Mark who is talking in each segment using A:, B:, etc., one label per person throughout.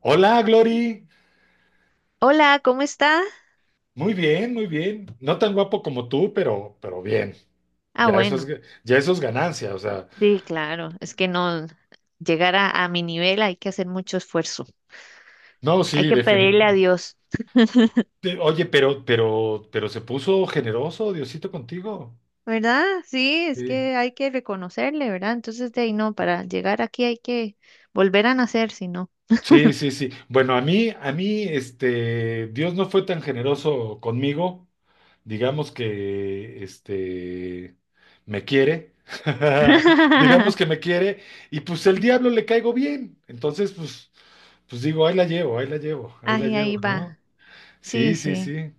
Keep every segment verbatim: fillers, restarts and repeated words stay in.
A: Hola, Glory.
B: Hola, ¿cómo está?
A: Muy bien, muy bien. No tan guapo como tú, pero, pero bien.
B: Ah,
A: Ya eso es,
B: bueno,
A: ya eso es ganancia. O sea,
B: sí, claro, es que no llegar a, a mi nivel hay que hacer mucho esfuerzo,
A: no,
B: hay
A: sí,
B: que pedirle a
A: definitivamente.
B: Dios,
A: Oye, pero, pero, pero se puso generoso Diosito contigo.
B: ¿verdad? Sí, es
A: Sí.
B: que hay que reconocerle, ¿verdad? Entonces de ahí no, para llegar aquí hay que volver a nacer, si no.
A: Sí, sí, sí. Bueno, a mí, a mí, este, Dios no fue tan generoso conmigo. Digamos que, este, me quiere. Digamos que me quiere. Y pues el diablo le caigo bien. Entonces, pues, pues digo, ahí la llevo, ahí la llevo, ahí la
B: Ay, ahí
A: llevo, ¿no?
B: va, sí,
A: Sí, sí,
B: sí,
A: sí.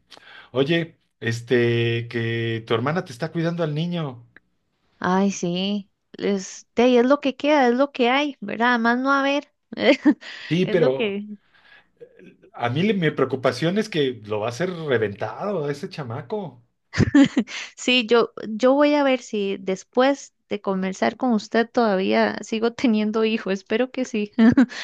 A: Oye, este, que tu hermana te está cuidando al niño.
B: ay, sí, es, de ahí es lo que queda, es lo que hay, ¿verdad? Más no haber,
A: Sí,
B: es lo
A: pero
B: que,
A: a mí le- mi preocupación es que lo va a hacer reventado a ese chamaco.
B: sí, yo, yo voy a ver si después de conversar con usted todavía sigo teniendo hijo. Espero que sí.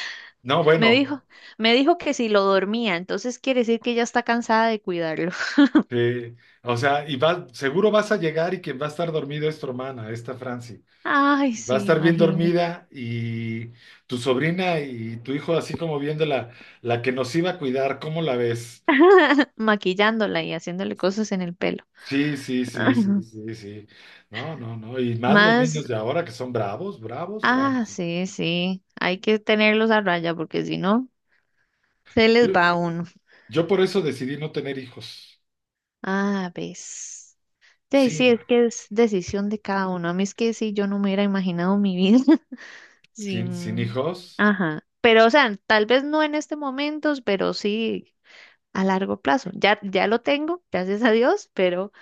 A: No,
B: Me
A: bueno.
B: dijo, me dijo que si lo dormía, entonces quiere decir que ya está cansada de cuidarlo.
A: Sí, o sea, y va, seguro vas a llegar y quien va a estar dormido es tu hermana, esta Franci.
B: Ay,
A: Va a
B: sí,
A: estar bien
B: imagínese.
A: dormida y tu sobrina y tu hijo así como viendo la, la que nos iba a cuidar, ¿cómo la ves?
B: Maquillándola y haciéndole cosas en el pelo.
A: Sí, sí, sí, sí, sí, sí. No, no, no. Y más los
B: Más,
A: niños de ahora que son bravos, bravos,
B: ah,
A: bravos.
B: sí, sí. Hay que tenerlos a raya porque si no, se
A: Yo,
B: les va uno.
A: yo por eso decidí no tener hijos.
B: Ah, ves. Sí,
A: Sí,
B: sí,
A: no.
B: es que es decisión de cada uno. A mí es que sí, yo no me hubiera imaginado mi vida
A: Sin, sin
B: sin...
A: hijos.
B: Ajá. Pero, o sea, tal vez no en este momento, pero sí a largo plazo. Ya, ya lo tengo, gracias a Dios, pero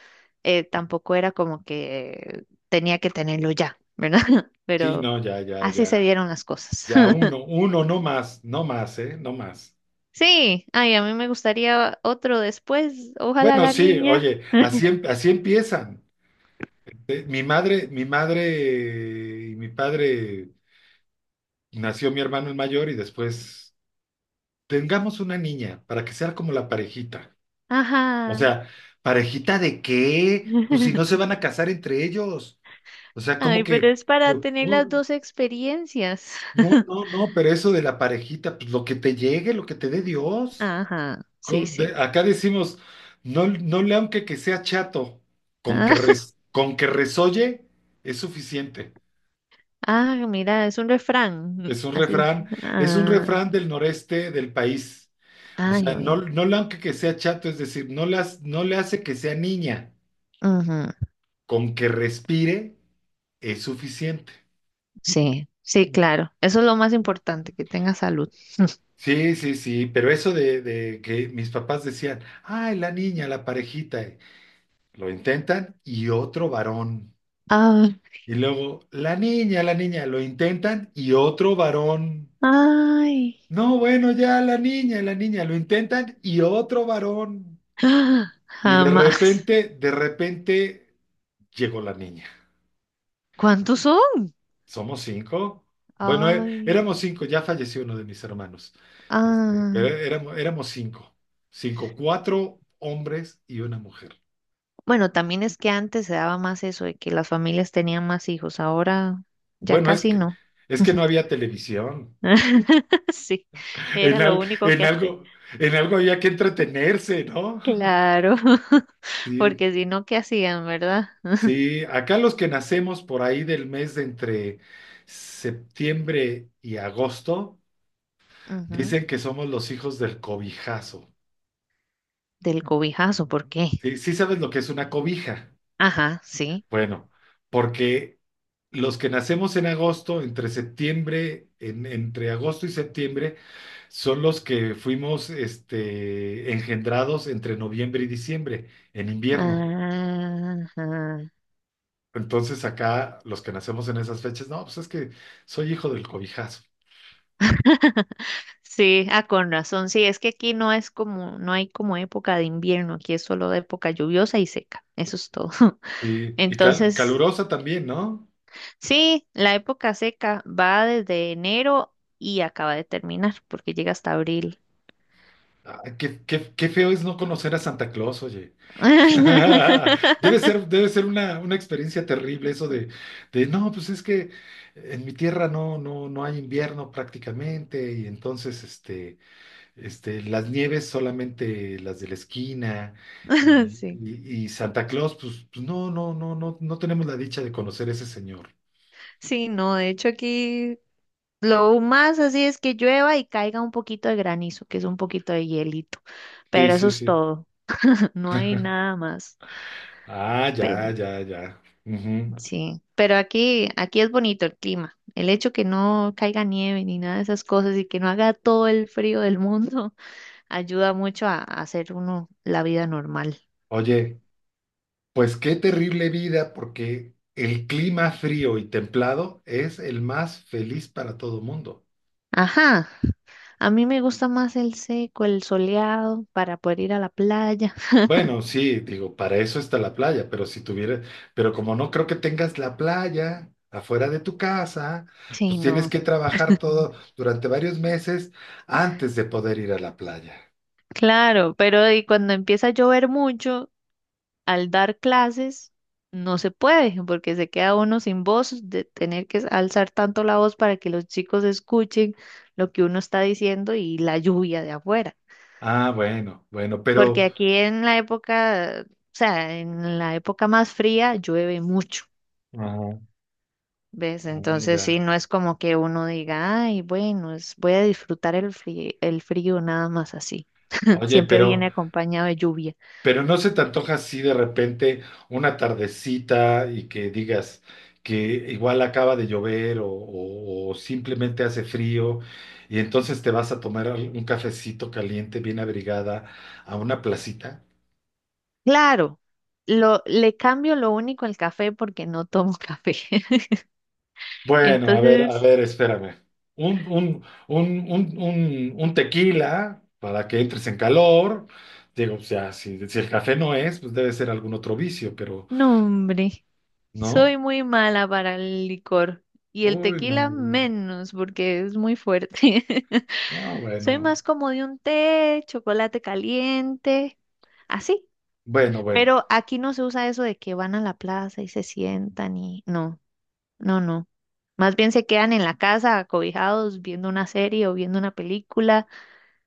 B: eh, tampoco era como que tenía que tenerlo ya, ¿verdad?
A: Sí,
B: Pero
A: no, ya, ya,
B: así se
A: ya.
B: dieron las cosas.
A: Ya uno, uno, no más, no más, ¿eh? No más.
B: Sí, ay, a mí me gustaría otro después. Ojalá
A: Bueno,
B: la
A: sí,
B: niña.
A: oye, así, em- así empiezan. Eh, Mi madre, mi madre y mi padre nació mi hermano el mayor y después tengamos una niña para que sea como la parejita. O
B: Ajá.
A: sea, ¿parejita de qué? Pues si no se van a casar entre ellos. O sea, como
B: Ay, pero
A: que
B: es para
A: yo,
B: tener las
A: uh,
B: dos experiencias.
A: no, no, no, pero eso de la parejita, pues lo que te llegue, lo que te dé Dios.
B: Ajá, sí,
A: Co- de-
B: sí.
A: acá decimos, no, no le aunque que sea chato, con que,
B: Ah,
A: res- con que resolle es suficiente.
B: ah, mira, es un refrán.
A: Es un
B: Así.
A: refrán, es un
B: Ah,
A: refrán del noreste del país. O
B: ah,
A: sea,
B: yo
A: no,
B: vi.
A: no le aunque que sea chato, es decir, no le, has- no le hace que sea niña,
B: Ujú.
A: con que respire es suficiente.
B: Sí, sí, claro. Eso es lo más importante, que tenga salud.
A: Sí, sí, sí, pero eso de, de que mis papás decían, ay, la niña, la parejita, eh, lo intentan y otro varón.
B: Ah,
A: Y luego, la niña, la niña, lo intentan y otro varón.
B: ay,
A: No, bueno, ya la niña, la niña, lo intentan y otro varón.
B: ah,
A: Y de
B: jamás.
A: repente, de repente llegó la niña.
B: ¿Cuántos son?
A: ¿Somos cinco? Bueno, é-
B: Ay,
A: éramos cinco, ya falleció uno de mis hermanos. Este, pero
B: ah.
A: éramos, éramos cinco. Cinco, cuatro hombres y una mujer.
B: Bueno, también es que antes se daba más eso de que las familias tenían más hijos. Ahora ya
A: Bueno, es
B: casi
A: que,
B: no.
A: es que no había televisión.
B: Sí,
A: En,
B: era lo
A: al-
B: único
A: en
B: que hacía.
A: algo, en algo había que entretenerse, ¿no?
B: Claro,
A: Sí,
B: porque si no, ¿qué hacían, verdad?
A: sí, acá los que nacemos por ahí del mes de entre septiembre y agosto,
B: Ujú.
A: dicen que somos los hijos del cobijazo.
B: Del cobijazo, ¿por qué?
A: Sí, sí sabes lo que es una cobija.
B: Ajá, sí.
A: Bueno, porque los que nacemos en agosto, entre septiembre, en- entre agosto y septiembre, son los que fuimos este, engendrados entre noviembre y diciembre, en invierno.
B: Ajá.
A: Entonces acá los que nacemos en esas fechas, no, pues es que soy hijo del cobijazo.
B: Sí, ah, con razón. Sí, es que aquí no es como, no hay como época de invierno, aquí es solo de época lluviosa y seca, eso es todo.
A: Sí, y cal-
B: Entonces,
A: calurosa también, ¿no?
B: sí, la época seca va desde enero y acaba de terminar, porque llega hasta abril.
A: Ah, qué, qué- qué feo es no conocer a Santa Claus, oye. Debe ser, debe ser una, una experiencia terrible eso de, de, no, pues es que en mi tierra no, no, no hay invierno prácticamente, y entonces este, este, las nieves solamente las de la esquina, y,
B: Sí.
A: y- y Santa Claus, pues, pues no, no, no, no, no tenemos la dicha de conocer a ese señor.
B: Sí, no, de hecho aquí lo más así es que llueva y caiga un poquito de granizo, que es un poquito de hielito,
A: Sí,
B: pero eso
A: sí,
B: es
A: sí.
B: todo, no hay nada más.
A: Ah, ya,
B: Pero
A: ya, ya. Ujú.
B: sí, pero aquí aquí es bonito el clima. El hecho que no caiga nieve ni nada de esas cosas y que no haga todo el frío del mundo ayuda mucho a, a hacer uno la vida normal.
A: Oye. Pues qué terrible vida, porque el clima frío y templado es el más feliz para todo mundo.
B: Ajá, a mí me gusta más el seco, el soleado para poder ir a la playa.
A: Bueno, sí, digo, para eso está la playa, pero si tuviera, pero como no creo que tengas la playa afuera de tu casa,
B: Sí,
A: pues tienes
B: no.
A: que trabajar todo durante varios meses antes de poder ir a la playa.
B: Claro, pero y cuando empieza a llover mucho, al dar clases, no se puede, porque se queda uno sin voz, de tener que alzar tanto la voz para que los chicos escuchen lo que uno está diciendo y la lluvia de afuera.
A: Ah, bueno, bueno, pero.
B: Porque aquí en la época, o sea, en la época más fría llueve mucho,
A: Ajá,
B: ¿ves?
A: ah,
B: Entonces sí,
A: ya.
B: no es como que uno diga, ay, bueno, es, voy a disfrutar el frío, el frío nada más así.
A: Oye,
B: Siempre
A: pero
B: viene acompañado de lluvia.
A: Pero no se te antoja así de repente una tardecita y que digas que igual acaba de llover o, o- o simplemente hace frío y entonces te vas a tomar al- un cafecito caliente, bien abrigada, a una placita.
B: Claro, lo, le cambio lo único al café porque no tomo café.
A: Bueno, a ver, a
B: Entonces,
A: ver, espérame. Un, un, un, un, un, un tequila para que entres en calor. Digo, o sea, si, si el café no es, pues debe ser algún otro vicio, pero
B: no, hombre,
A: ¿no?
B: soy muy mala para el licor y el
A: Uy, no,
B: tequila
A: güey.
B: menos porque es muy fuerte.
A: No,
B: Soy
A: bueno.
B: más como de un té, chocolate caliente, así.
A: Bueno, bueno.
B: Pero aquí no se usa eso de que van a la plaza y se sientan y no, no, no. Más bien se quedan en la casa acobijados viendo una serie o viendo una película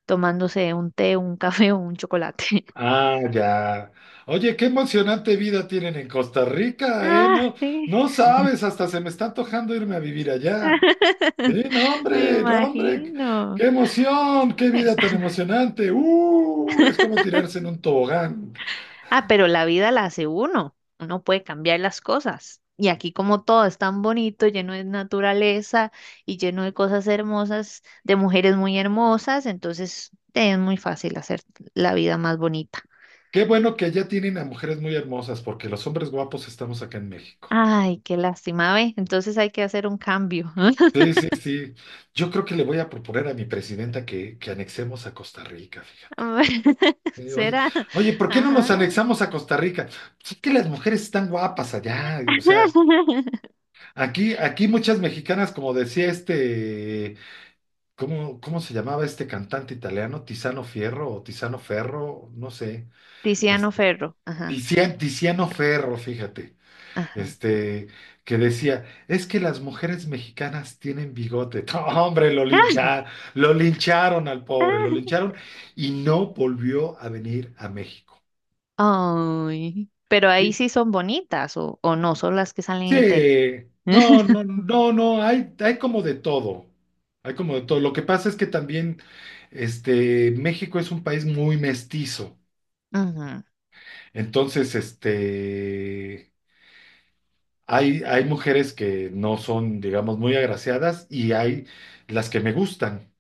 B: tomándose un té, un café o un chocolate.
A: Ah, ya. Oye, qué emocionante vida tienen en Costa Rica, ¿eh?
B: Ah,
A: No,
B: sí,
A: no sabes, hasta se me está antojando irme a vivir allá. Sí, no,
B: me
A: hombre, no, hombre,
B: imagino.
A: qué emoción, qué vida tan emocionante. Uh, es como tirarse en un tobogán.
B: Ah, pero la vida la hace uno. Uno puede cambiar las cosas. Y aquí como todo es tan bonito, lleno de naturaleza y lleno de cosas hermosas, de mujeres muy hermosas, entonces eh, es muy fácil hacer la vida más bonita.
A: Qué bueno que allá tienen a mujeres muy hermosas, porque los hombres guapos estamos acá en México.
B: Ay, qué lástima, ve. Entonces hay que hacer un cambio.
A: Sí, sí, sí. Yo creo que le voy a proponer a mi presidenta que, que anexemos a Costa Rica, fíjate. Eh, Oye,
B: Será.
A: oye, ¿por qué no nos
B: Ajá.
A: anexamos a Costa Rica? Pues es que las mujeres están guapas allá, o sea, aquí, aquí muchas mexicanas, como decía este, ¿cómo, cómo se llamaba este cantante italiano? Tiziano Fierro o Tiziano Ferro, no sé,
B: Tiziano
A: este,
B: Ferro. Ajá,
A: Tizian- Tiziano Ferro, fíjate,
B: ajá.
A: este, que decía, es que las mujeres mexicanas tienen bigote. No, hombre, lo lincharon, lo lincharon al pobre, lo lincharon y no volvió a venir a México.
B: Ay, pero ahí sí son bonitas o, o no, son las que salen en tele.
A: Sí, no, no, no, no, hay, hay como de todo, hay como de todo. Lo que pasa es que también, este, México es un país muy mestizo,
B: Ujú.
A: entonces, este, hay, hay mujeres que no son, digamos, muy agraciadas y hay las que me gustan.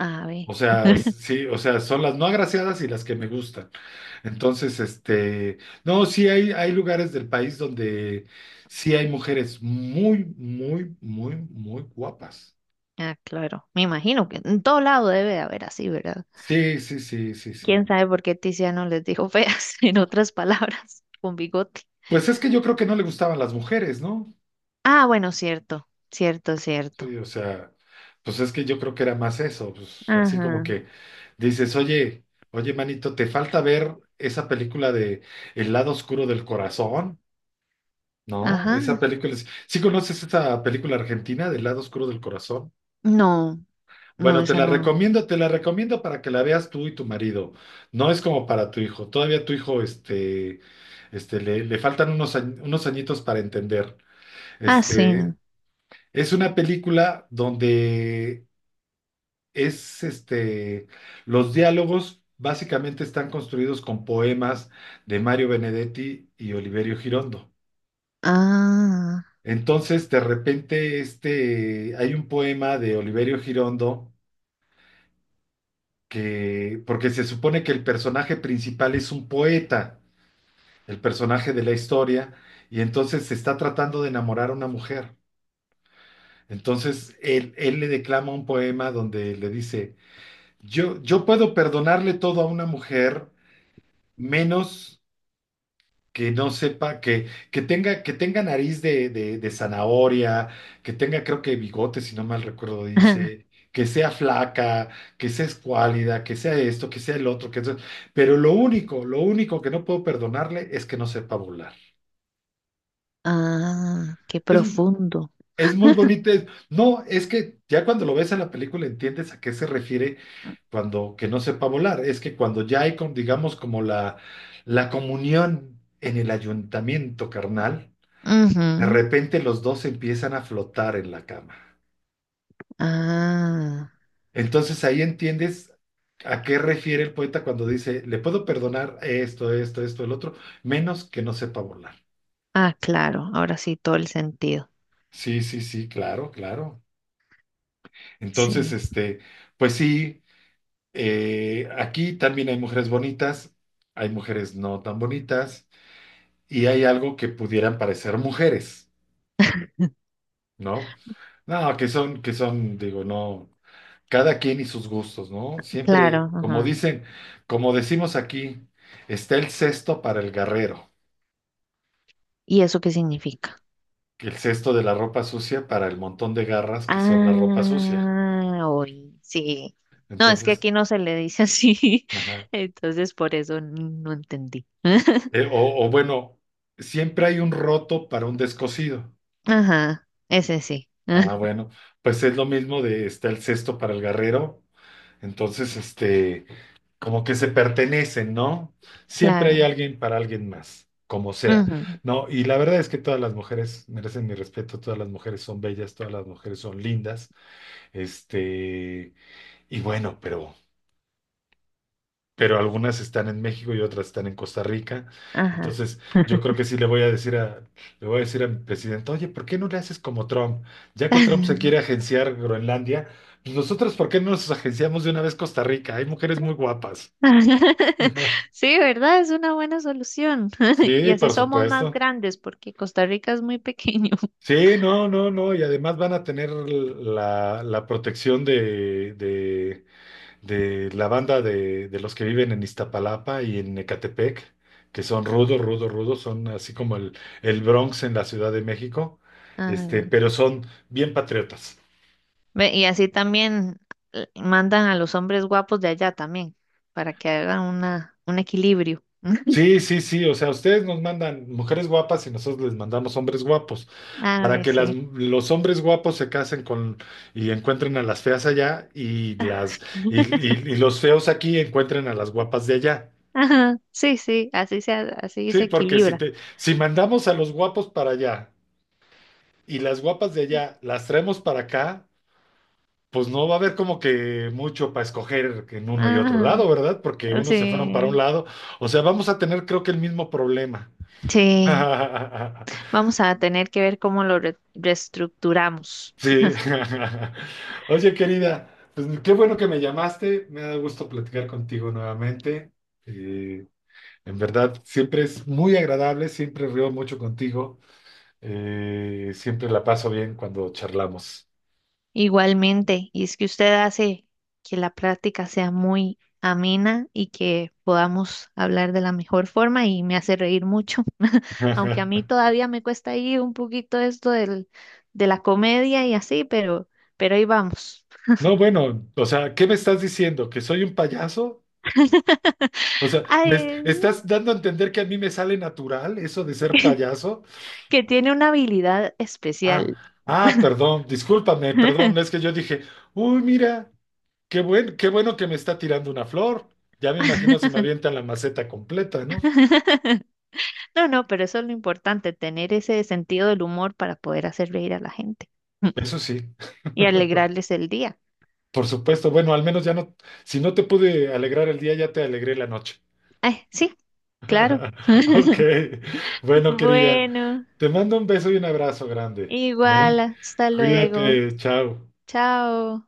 B: A ver,
A: O sea, sí, o sea, son las no agraciadas y las que me gustan. Entonces, este, no, sí hay, hay lugares del país donde sí hay mujeres muy, muy, muy, muy guapas.
B: ah, claro, me imagino que en todo lado debe de haber así, ¿verdad?
A: Sí, sí, sí, sí, sí.
B: ¿Quién sabe por qué Tiziano les dijo feas, en otras palabras, con bigote?
A: Pues es que yo creo que no le gustaban las mujeres, ¿no?
B: Ah, bueno, cierto, cierto, cierto.
A: Sí, o sea, pues es que yo creo que era más eso, pues así como
B: Ajá,
A: que dices, oye, oye, manito, ¿te falta ver esa película de El lado oscuro del corazón? No, esa
B: ajá.
A: película es. ¿Sí conoces esa película argentina del lado oscuro del corazón?
B: No, no,
A: Bueno, te
B: esa
A: la
B: no.
A: recomiendo, te la recomiendo para que la veas tú y tu marido. No es como para tu hijo. Todavía tu hijo, este, este, le, le faltan unos, añ- unos añitos para entender.
B: Ah, sí.
A: Este,
B: No.
A: es una película donde es, este, los diálogos básicamente están construidos con poemas de Mario Benedetti y Oliverio Girondo.
B: Ah,
A: Entonces, de repente, este, hay un poema de Oliverio Girondo que, porque se supone que el personaje principal es un poeta, el personaje de la historia, y entonces se está tratando de enamorar a una mujer. Entonces, él, él le declama un poema donde le dice, yo, yo puedo perdonarle todo a una mujer, menos que no sepa, que, que tenga, que tenga, nariz de, de- de zanahoria, que tenga, creo que bigote, si no mal recuerdo, dice, que sea flaca, que sea escuálida, que sea esto, que sea el otro, que eso- pero lo único, lo único que no puedo perdonarle es que no sepa volar.
B: ah, qué
A: Es,
B: profundo.
A: es muy bonito. Es- no, es que ya cuando lo ves en la película entiendes a qué se refiere cuando que no sepa volar. Es que cuando ya hay, con, digamos, como la, la comunión en el ayuntamiento, carnal. De
B: Ujú.
A: repente los dos empiezan a flotar en la cama.
B: Ah,
A: Entonces ahí entiendes a qué refiere el poeta cuando dice, le puedo perdonar esto, esto, esto, el otro, menos que no sepa volar.
B: ah, claro, ahora sí, todo el sentido.
A: Sí, sí, sí, claro, claro. Entonces,
B: Sí,
A: este, pues sí, eh, aquí también hay mujeres bonitas, hay mujeres no tan bonitas y hay algo que pudieran parecer mujeres, ¿no? No, que son, que son, digo, no. Cada quien y sus gustos, ¿no? Siempre,
B: claro,
A: como
B: ajá.
A: dicen, como decimos aquí, está el cesto para el garrero,
B: ¿Y eso qué significa?
A: que el cesto de la ropa sucia para el montón de garras que son la ropa sucia.
B: Ah, hoy, sí. No, es que
A: Entonces,
B: aquí no se le dice así,
A: ajá.
B: entonces por eso no entendí.
A: Eh, o, o bueno, siempre hay un roto para un descosido.
B: Ajá, ese sí,
A: Ah, bueno, pues es lo mismo de está el cesto para el garrero. Entonces, este, como que se pertenecen, ¿no? Siempre hay
B: claro.
A: alguien para alguien más, como sea,
B: Ujú.
A: ¿no? Y la verdad es que todas las mujeres merecen mi respeto, todas las mujeres son bellas, todas las mujeres son lindas, este, y bueno, pero. Pero algunas están en México y otras están en Costa Rica.
B: Ajá.
A: Entonces, yo creo que sí le voy a decir a, le voy a decir a mi presidente, oye, ¿por qué no le haces como Trump? Ya que Trump se quiere agenciar Groenlandia, pues nosotros, ¿por qué no nos agenciamos de una vez Costa Rica? Hay mujeres muy guapas.
B: Sí, ¿verdad? Es una buena solución. Y
A: Sí,
B: así
A: por
B: somos más
A: supuesto.
B: grandes porque Costa Rica es muy pequeño.
A: Sí, no, no, no. Y además van a tener la, la protección de, de, de la banda de, de los que viven en Iztapalapa y en Ecatepec, que son rudos, rudos, rudos. Son así como el, el Bronx en la Ciudad de México.
B: A
A: Este,
B: ver.
A: pero son bien patriotas.
B: Ve, y así también eh, mandan a los hombres guapos de allá también, para que hagan una, un equilibrio.
A: Sí, sí, sí, o sea, ustedes nos mandan mujeres guapas y nosotros les mandamos hombres guapos,
B: A
A: para
B: ver,
A: que las,
B: sí.
A: los hombres guapos se casen con y encuentren a las feas allá y las y, y- y los feos aquí encuentren a las guapas de allá.
B: Ajá, sí, sí, así se, ha- así
A: Sí,
B: se
A: porque si
B: equilibra.
A: te, si mandamos a los guapos para allá y las guapas de allá las traemos para acá, pues no va a haber como que mucho para escoger en uno y otro
B: Ah,
A: lado, ¿verdad? Porque unos se fueron para un
B: sí,
A: lado, o sea, vamos a tener creo que el mismo problema.
B: sí. Vamos a tener que ver cómo lo re- reestructuramos.
A: Sí. Oye, querida, pues qué bueno que me llamaste. Me da gusto platicar contigo nuevamente. Eh, en verdad, siempre es muy agradable, siempre río mucho contigo. Eh, siempre la paso bien cuando charlamos.
B: Igualmente, y es que usted hace que la práctica sea muy amena y que podamos hablar de la mejor forma y me hace reír mucho. Aunque a mí todavía me cuesta ahí un poquito esto del, de la comedia y así, pero, pero ahí vamos.
A: No, bueno, o sea, ¿qué me estás diciendo? ¿Que soy un payaso? O sea, ¿me es-
B: Ay,
A: estás dando a entender que a mí me sale natural eso de ser payaso?
B: que tiene una habilidad
A: Ah,
B: especial.
A: ah, perdón, discúlpame, perdón, es que yo dije, uy, mira. Qué buen, qué bueno que me está tirando una flor. Ya me imagino si me avientan la maceta completa, ¿no?
B: No, no, pero eso es lo importante, tener ese sentido del humor para poder hacer reír a la gente
A: Eso sí,
B: y alegrarles el día.
A: por supuesto. Bueno, al menos ya no, si no te pude alegrar el día, ya te alegré la noche.
B: Ay, sí, claro.
A: Ok, bueno, querida,
B: Bueno,
A: te mando un beso y un abrazo grande,
B: igual,
A: ¿eh?
B: hasta luego.
A: Cuídate, chao.
B: Chao.